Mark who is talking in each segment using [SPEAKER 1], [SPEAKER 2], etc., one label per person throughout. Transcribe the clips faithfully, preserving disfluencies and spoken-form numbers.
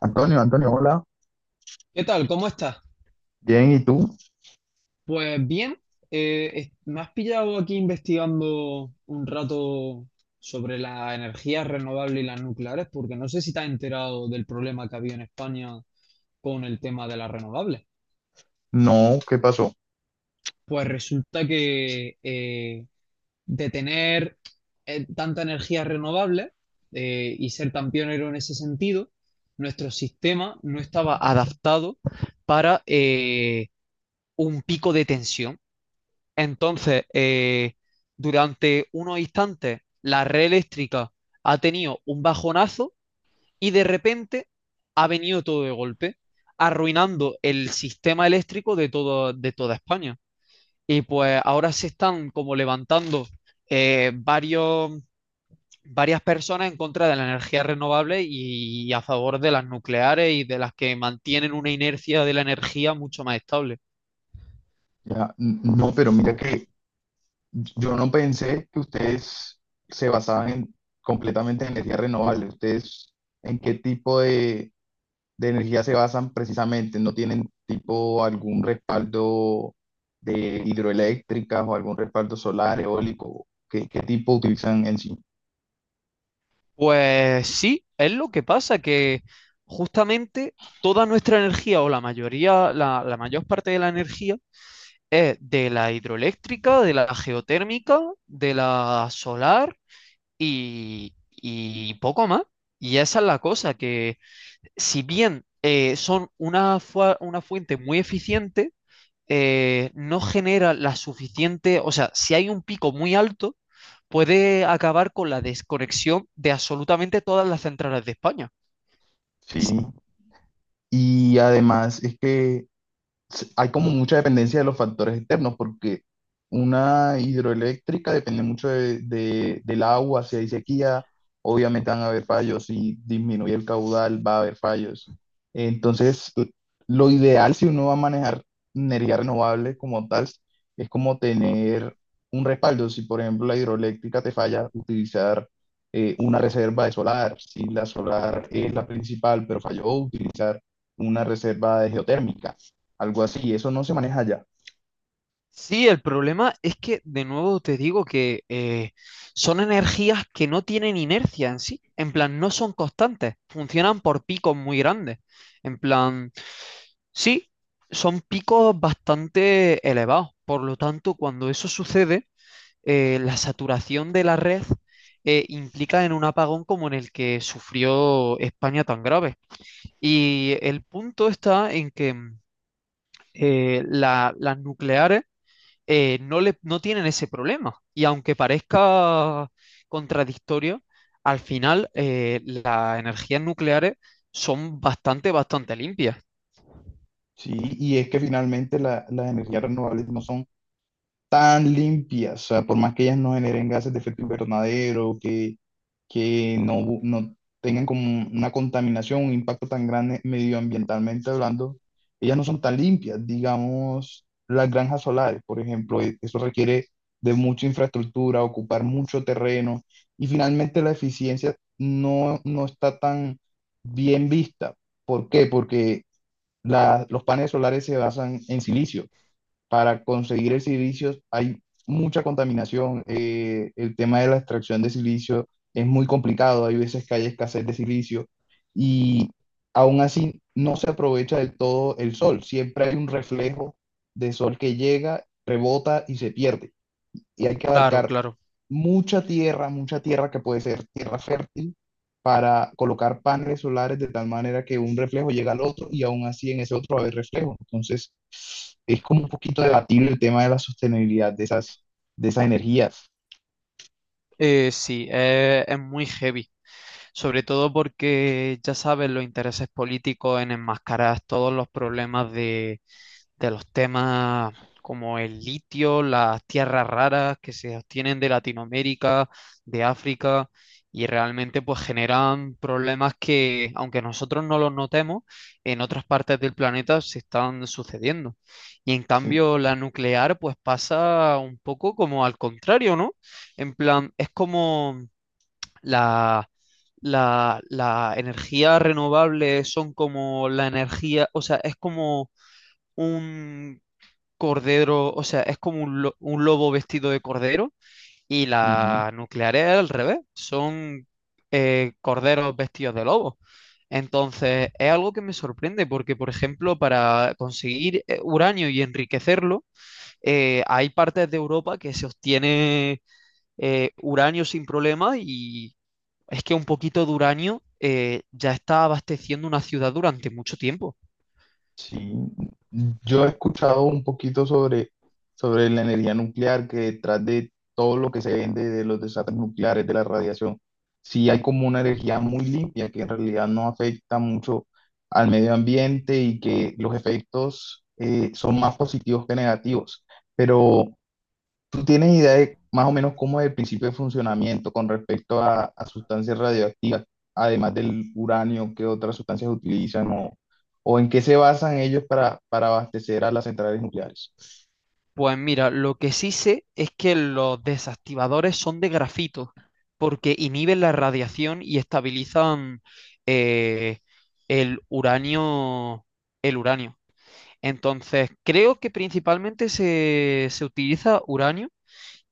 [SPEAKER 1] Antonio, Antonio, hola.
[SPEAKER 2] ¿Qué tal? ¿Cómo estás?
[SPEAKER 1] Bien, ¿y tú?
[SPEAKER 2] Pues bien, eh, es- me has pillado aquí investigando un rato sobre las energías renovables y las nucleares, porque no sé si te has enterado del problema que había en España con el tema de las renovables.
[SPEAKER 1] No, ¿qué pasó?
[SPEAKER 2] Pues resulta que eh, de tener eh, tanta energía renovable eh, y ser tan pionero en ese sentido, nuestro sistema no estaba adaptado para eh, un pico de tensión. Entonces, eh, durante unos instantes, la red eléctrica ha tenido un bajonazo y de repente ha venido todo de golpe, arruinando el sistema eléctrico de todo, de toda España. Y pues ahora se están como levantando eh, varios, varias personas en contra de la energía renovable y a favor de las nucleares y de las que mantienen una inercia de la energía mucho más estable.
[SPEAKER 1] Ya, n- no, pero mira que yo no pensé que ustedes se basaban en- completamente en energía renovable. ¿Ustedes en qué tipo de, de energía se basan precisamente? ¿No tienen tipo algún respaldo de hidroeléctricas o algún respaldo solar, eólico? ¿Qué, qué tipo utilizan en sí?
[SPEAKER 2] Pues sí, es lo que pasa, que justamente toda nuestra energía o la mayoría, la, la mayor parte de la energía es de la hidroeléctrica, de la geotérmica, de la solar y, y poco más. Y esa es la cosa, que si bien eh, son una, fua- una fuente muy eficiente, eh, no genera la suficiente, o sea, si hay un pico muy alto, puede acabar con la desconexión de absolutamente todas las centrales de España.
[SPEAKER 1] Sí.
[SPEAKER 2] Sí,
[SPEAKER 1] Y además es que se- hay como mucha dependencia de los factores externos, porque una hidroeléctrica depende mucho de, de- del agua. Si hay sequía, obviamente van a haber fallos; si disminuye el caudal, va a haber fallos. Entonces, eh, lo ideal, si uno va a manejar energía renovable como tal, es como tener un respaldo. Si, por ejemplo, la hidroeléctrica te falla, utilizar eh, una reserva de solar. Si la solar es la principal, pero falló, utilizar una reserva de geotérmica, algo así. Eso no se maneja allá,
[SPEAKER 2] sí, el problema es que, de nuevo te digo que eh, son energías que no tienen inercia en sí, en plan, no son constantes, funcionan por picos muy grandes, en plan, sí, son picos bastante elevados, por lo tanto, cuando eso sucede eh, la saturación de la red eh, implica en un apagón como en el que sufrió España tan grave. Y el punto está en que mm, eh, la- las nucleares eh, no, le- no tienen ese problema. Y aunque parezca contradictorio, al final eh, las energías nucleares son bastante, bastante limpias.
[SPEAKER 1] ¿sí? Y es que finalmente la- las energías renovables no son tan limpias, o sea, por más que ellas no generen gases de efecto invernadero, que, que no, bu- no tengan como una contaminación, un impacto tan grande medioambientalmente hablando, ellas no son tan limpias. Digamos, las granjas solares, por ejemplo, e- eso requiere de mucha infraestructura, ocupar mucho terreno, y finalmente la eficiencia no, no está tan bien vista. ¿Por qué? Porque la- los paneles solares se basan en silicio. Para conseguir el silicio hay mucha contaminación. Eh, el tema de la extracción de silicio es muy complicado. Hay veces que hay escasez de silicio, y aún así no se aprovecha del todo el sol. Siempre hay un reflejo de sol que llega, rebota y se pierde. Y hay que
[SPEAKER 2] Claro,
[SPEAKER 1] abarcar
[SPEAKER 2] claro.
[SPEAKER 1] mucha tierra, mucha tierra que puede ser tierra fértil, para colocar paneles solares, de tal manera que un reflejo llega al otro y aún así en ese otro va a haber reflejo. Entonces, es como un poquito debatible el tema de la sostenibilidad de esas, de esas energías.
[SPEAKER 2] Eh, sí, eh, es muy heavy, sobre todo porque ya sabes los intereses políticos en enmascarar todos los problemas de, de los temas como el litio, las tierras raras que se obtienen de Latinoamérica, de África, y realmente pues generan problemas que, aunque nosotros no los notemos, en otras partes del planeta se están sucediendo. Y en
[SPEAKER 1] Sí.
[SPEAKER 2] cambio la nuclear pues pasa un poco como al contrario, ¿no? En plan, es como la... La, la energía renovable son como la energía, o sea, es como un cordero, o sea, es como un, lo- un lobo vestido de cordero y
[SPEAKER 1] Ujú.
[SPEAKER 2] la nuclear es al revés, son eh, corderos vestidos de lobo. Entonces, es algo que me sorprende porque, por ejemplo, para conseguir eh, uranio y enriquecerlo, eh, hay partes de Europa que se obtiene eh, uranio sin problema y es que un poquito de uranio eh, ya está abasteciendo una ciudad durante mucho tiempo.
[SPEAKER 1] Sí, yo he escuchado un poquito sobre, sobre la energía nuclear, que detrás de todo lo que se vende de los desastres nucleares, de la radiación, sí hay como una energía muy limpia, que en realidad no afecta mucho al medio ambiente, y que los efectos eh, son más positivos que negativos. Pero ¿tú tienes idea de más o menos cómo es el principio de funcionamiento con respecto a, a sustancias radioactivas, además del uranio? ¿Qué otras sustancias utilizan o, o en qué se basan ellos para, para abastecer a las centrales nucleares?
[SPEAKER 2] Pues mira, lo que sí sé es que los desactivadores son de grafito, porque inhiben la radiación y estabilizan eh, el uranio, el uranio. Entonces, creo que principalmente se, se utiliza uranio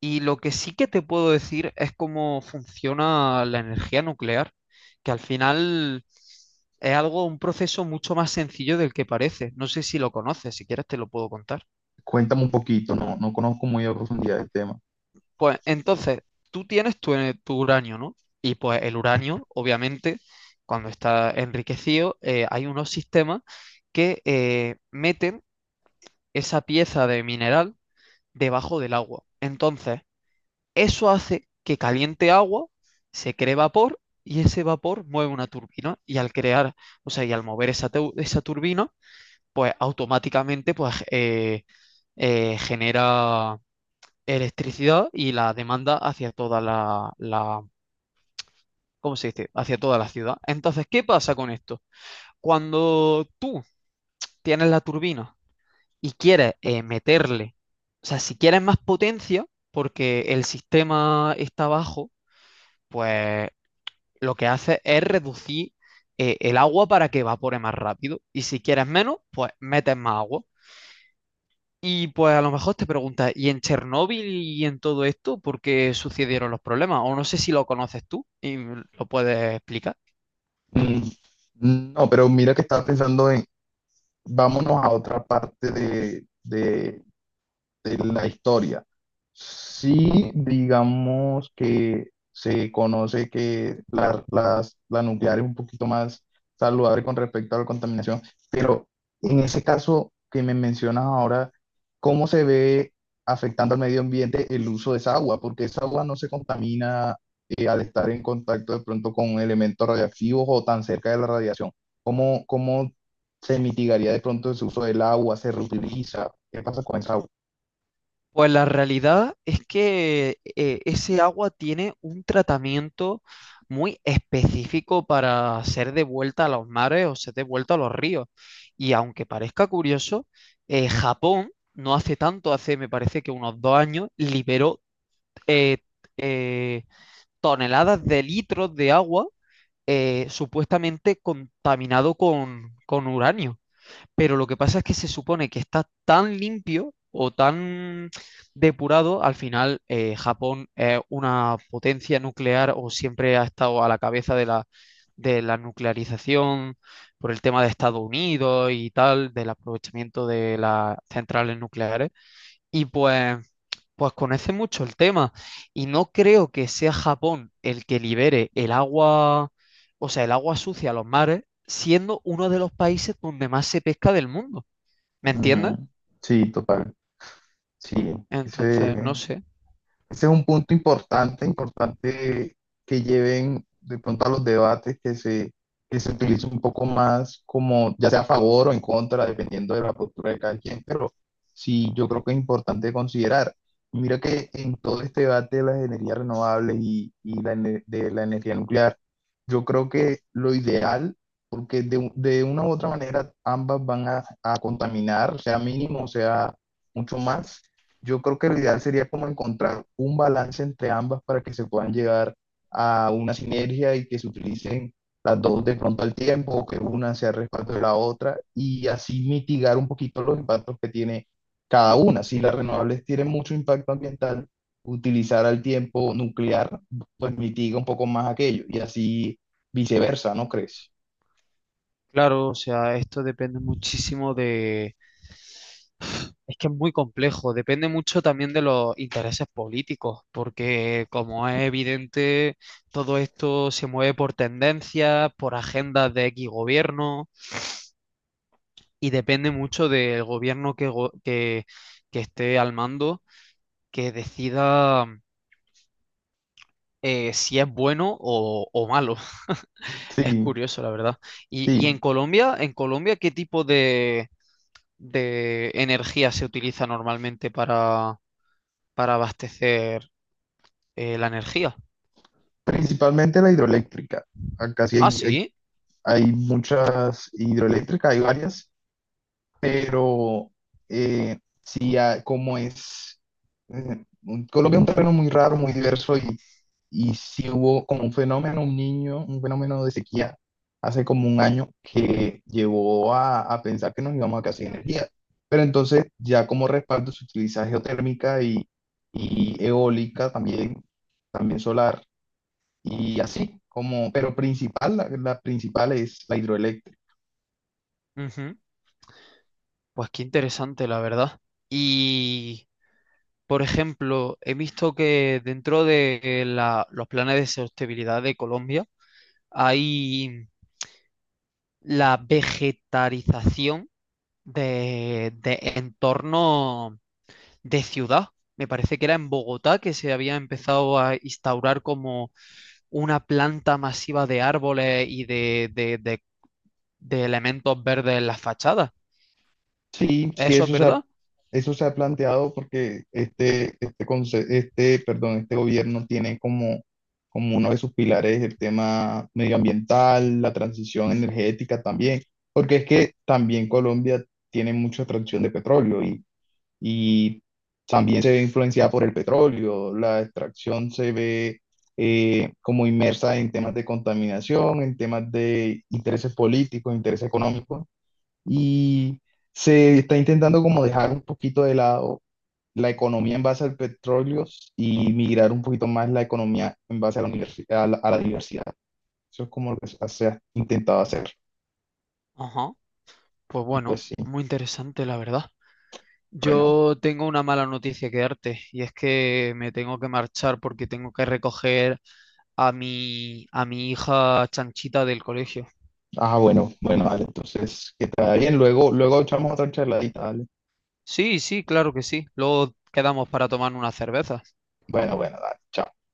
[SPEAKER 2] y lo que sí que te puedo decir es cómo funciona la energía nuclear, que al final es algo, un proceso mucho más sencillo del que parece. No sé si lo conoces, si quieres te lo puedo contar.
[SPEAKER 1] Cuéntame un poquito, no, no conozco muy a profundidad el tema.
[SPEAKER 2] Pues entonces, tú tienes tu, eh, tu uranio, ¿no? Y pues el uranio, obviamente, cuando está enriquecido, eh, hay unos sistemas que eh, meten esa pieza de mineral debajo del agua. Entonces, eso hace que caliente agua, se cree vapor y ese vapor mueve una turbina. Y al crear, o sea, y al mover esa, tu- esa turbina, pues automáticamente pues, eh, eh, genera electricidad y la demanda hacia toda la, la ¿cómo se dice? Hacia toda la ciudad. Entonces, ¿qué pasa con esto? Cuando tú tienes la turbina y quieres eh, meterle, o sea, si quieres más potencia, porque el sistema está bajo, pues lo que hace es reducir eh, el agua para que evapore más rápido. Y si quieres menos, pues metes más agua. Y pues a lo mejor te preguntas, ¿y en Chernóbil y en todo esto por qué sucedieron los problemas? O no sé si lo conoces tú y lo puedes explicar.
[SPEAKER 1] Mm, no, pero mira que estaba pensando en, vámonos a otra parte de, de de la historia. Sí, digamos que se conoce que la, las- la nuclear es un poquito más saludable con respecto a la contaminación, pero en ese caso que me mencionas ahora, ¿cómo se ve afectando al medio ambiente el uso de esa agua? Porque esa agua no se contamina, eh, al estar en contacto de pronto con elementos radiactivos o tan cerca de la radiación. ¿Cómo, cómo se mitigaría de pronto ese uso del agua? ¿Se reutiliza? ¿Qué pasa con esa agua?
[SPEAKER 2] Pues la realidad es que eh, ese agua tiene un tratamiento muy específico para ser devuelta a los mares o ser devuelta a los ríos. Y aunque parezca curioso, eh, Japón no hace tanto, hace me parece que unos dos años, liberó eh, eh, toneladas de litros de agua eh, supuestamente contaminado con, con uranio, pero lo que pasa es que se supone que está tan limpio o tan depurado, al final eh, Japón es una potencia nuclear o siempre ha estado a la cabeza de la, de la nuclearización por el tema de Estados Unidos y tal, del aprovechamiento de las centrales nucleares. Y pues, pues conoce mucho el tema. Y no creo que sea Japón el que libere el agua, o sea, el agua sucia a los mares, siendo uno de los países donde más se pesca del mundo. ¿Me entiendes?
[SPEAKER 1] Ujú. Sí, total. Sí, ese,
[SPEAKER 2] Entonces, no
[SPEAKER 1] ese
[SPEAKER 2] sé.
[SPEAKER 1] es un punto importante, importante, que lleven de pronto a los debates, que se, que se utilice un poco más como, ya sea a favor o en contra, dependiendo de la postura de cada quien, pero sí, yo creo que es importante considerar. Mira que en todo este debate de las energías renovables y, y la ene- de la energía nuclear, yo creo que lo ideal, porque de, u- de una u otra manera ambas van a, a contaminar, sea mínimo, sea mucho más, yo creo que lo ideal sería como encontrar un balance entre ambas, para que se puedan llegar a una sinergia y que se utilicen las dos de pronto al tiempo, o que una sea respaldo de la otra, y así mitigar un poquito los impactos que tiene cada una. Si las renovables tienen mucho impacto ambiental, utilizar al tiempo nuclear pues mitiga un poco más aquello, y así viceversa, ¿no crees?
[SPEAKER 2] Claro, o sea, esto depende muchísimo de... Es que es muy complejo, depende mucho también de los intereses políticos, porque como es evidente, todo esto se mueve por tendencias, por agendas de X gobierno, y depende mucho del gobierno que, go- que, que esté al mando, que decida eh, si es bueno o, o malo. Es
[SPEAKER 1] Sí,
[SPEAKER 2] curioso, la verdad. Y,
[SPEAKER 1] sí,
[SPEAKER 2] y en Colombia, en Colombia, ¿qué tipo de de energía se utiliza normalmente para, para abastecer eh, la energía?
[SPEAKER 1] principalmente la hidroeléctrica. Acá sí
[SPEAKER 2] Ah,
[SPEAKER 1] hay, hay
[SPEAKER 2] sí.
[SPEAKER 1] Hay muchas hidroeléctricas, hay varias, pero eh, sí, ah, como es, eh, Colombia es un terreno muy raro, muy diverso, y, y sí hubo como un fenómeno, un niño, un fenómeno de sequía hace como un año, que llevó a, a pensar que nos íbamos a quedar sin energía. Pero entonces ya como respaldo se utiliza geotérmica y, y eólica también, también solar, y así como, pero principal, la, la principal es la hidroeléctrica.
[SPEAKER 2] Ujú. Pues qué interesante, la verdad. Y, por ejemplo, he visto que dentro de la- los planes de sostenibilidad de Colombia hay la vegetarización de, de entorno de ciudad. Me parece que era en Bogotá que se había empezado a instaurar como una planta masiva de árboles y de, de- de- de elementos verdes en las fachadas.
[SPEAKER 1] Sí, sí,
[SPEAKER 2] ¿Eso es
[SPEAKER 1] eso se ha,
[SPEAKER 2] verdad?
[SPEAKER 1] eso se ha planteado porque este, este, conce- este, perdón, este gobierno tiene como, como uno de sus pilares el tema medioambiental, la transición energética también, porque es que también Colombia tiene mucha extracción de petróleo, y, y también se ve influenciada por el petróleo. La extracción se ve eh, como inmersa en temas de contaminación, en temas de intereses políticos, intereses económicos, y se está intentando como dejar un poquito de lado la economía en base al petróleo, y migrar un poquito más la economía en base a la universi- a la, a la diversidad. Eso es como lo que se se ha intentado hacer.
[SPEAKER 2] Ajá. Pues
[SPEAKER 1] Y
[SPEAKER 2] bueno,
[SPEAKER 1] pues sí,
[SPEAKER 2] muy interesante, la verdad.
[SPEAKER 1] bueno,
[SPEAKER 2] Yo tengo una mala noticia que darte y es que me tengo que marchar porque tengo que recoger a mi, a mi hija Chanchita del colegio.
[SPEAKER 1] ah, bueno, bueno, dale, entonces, que te vaya bien. Luego, luego echamos otra charladita, dale.
[SPEAKER 2] Sí, sí, claro que sí. Luego quedamos para tomar una cerveza.
[SPEAKER 1] Bueno, bueno, dale, chao.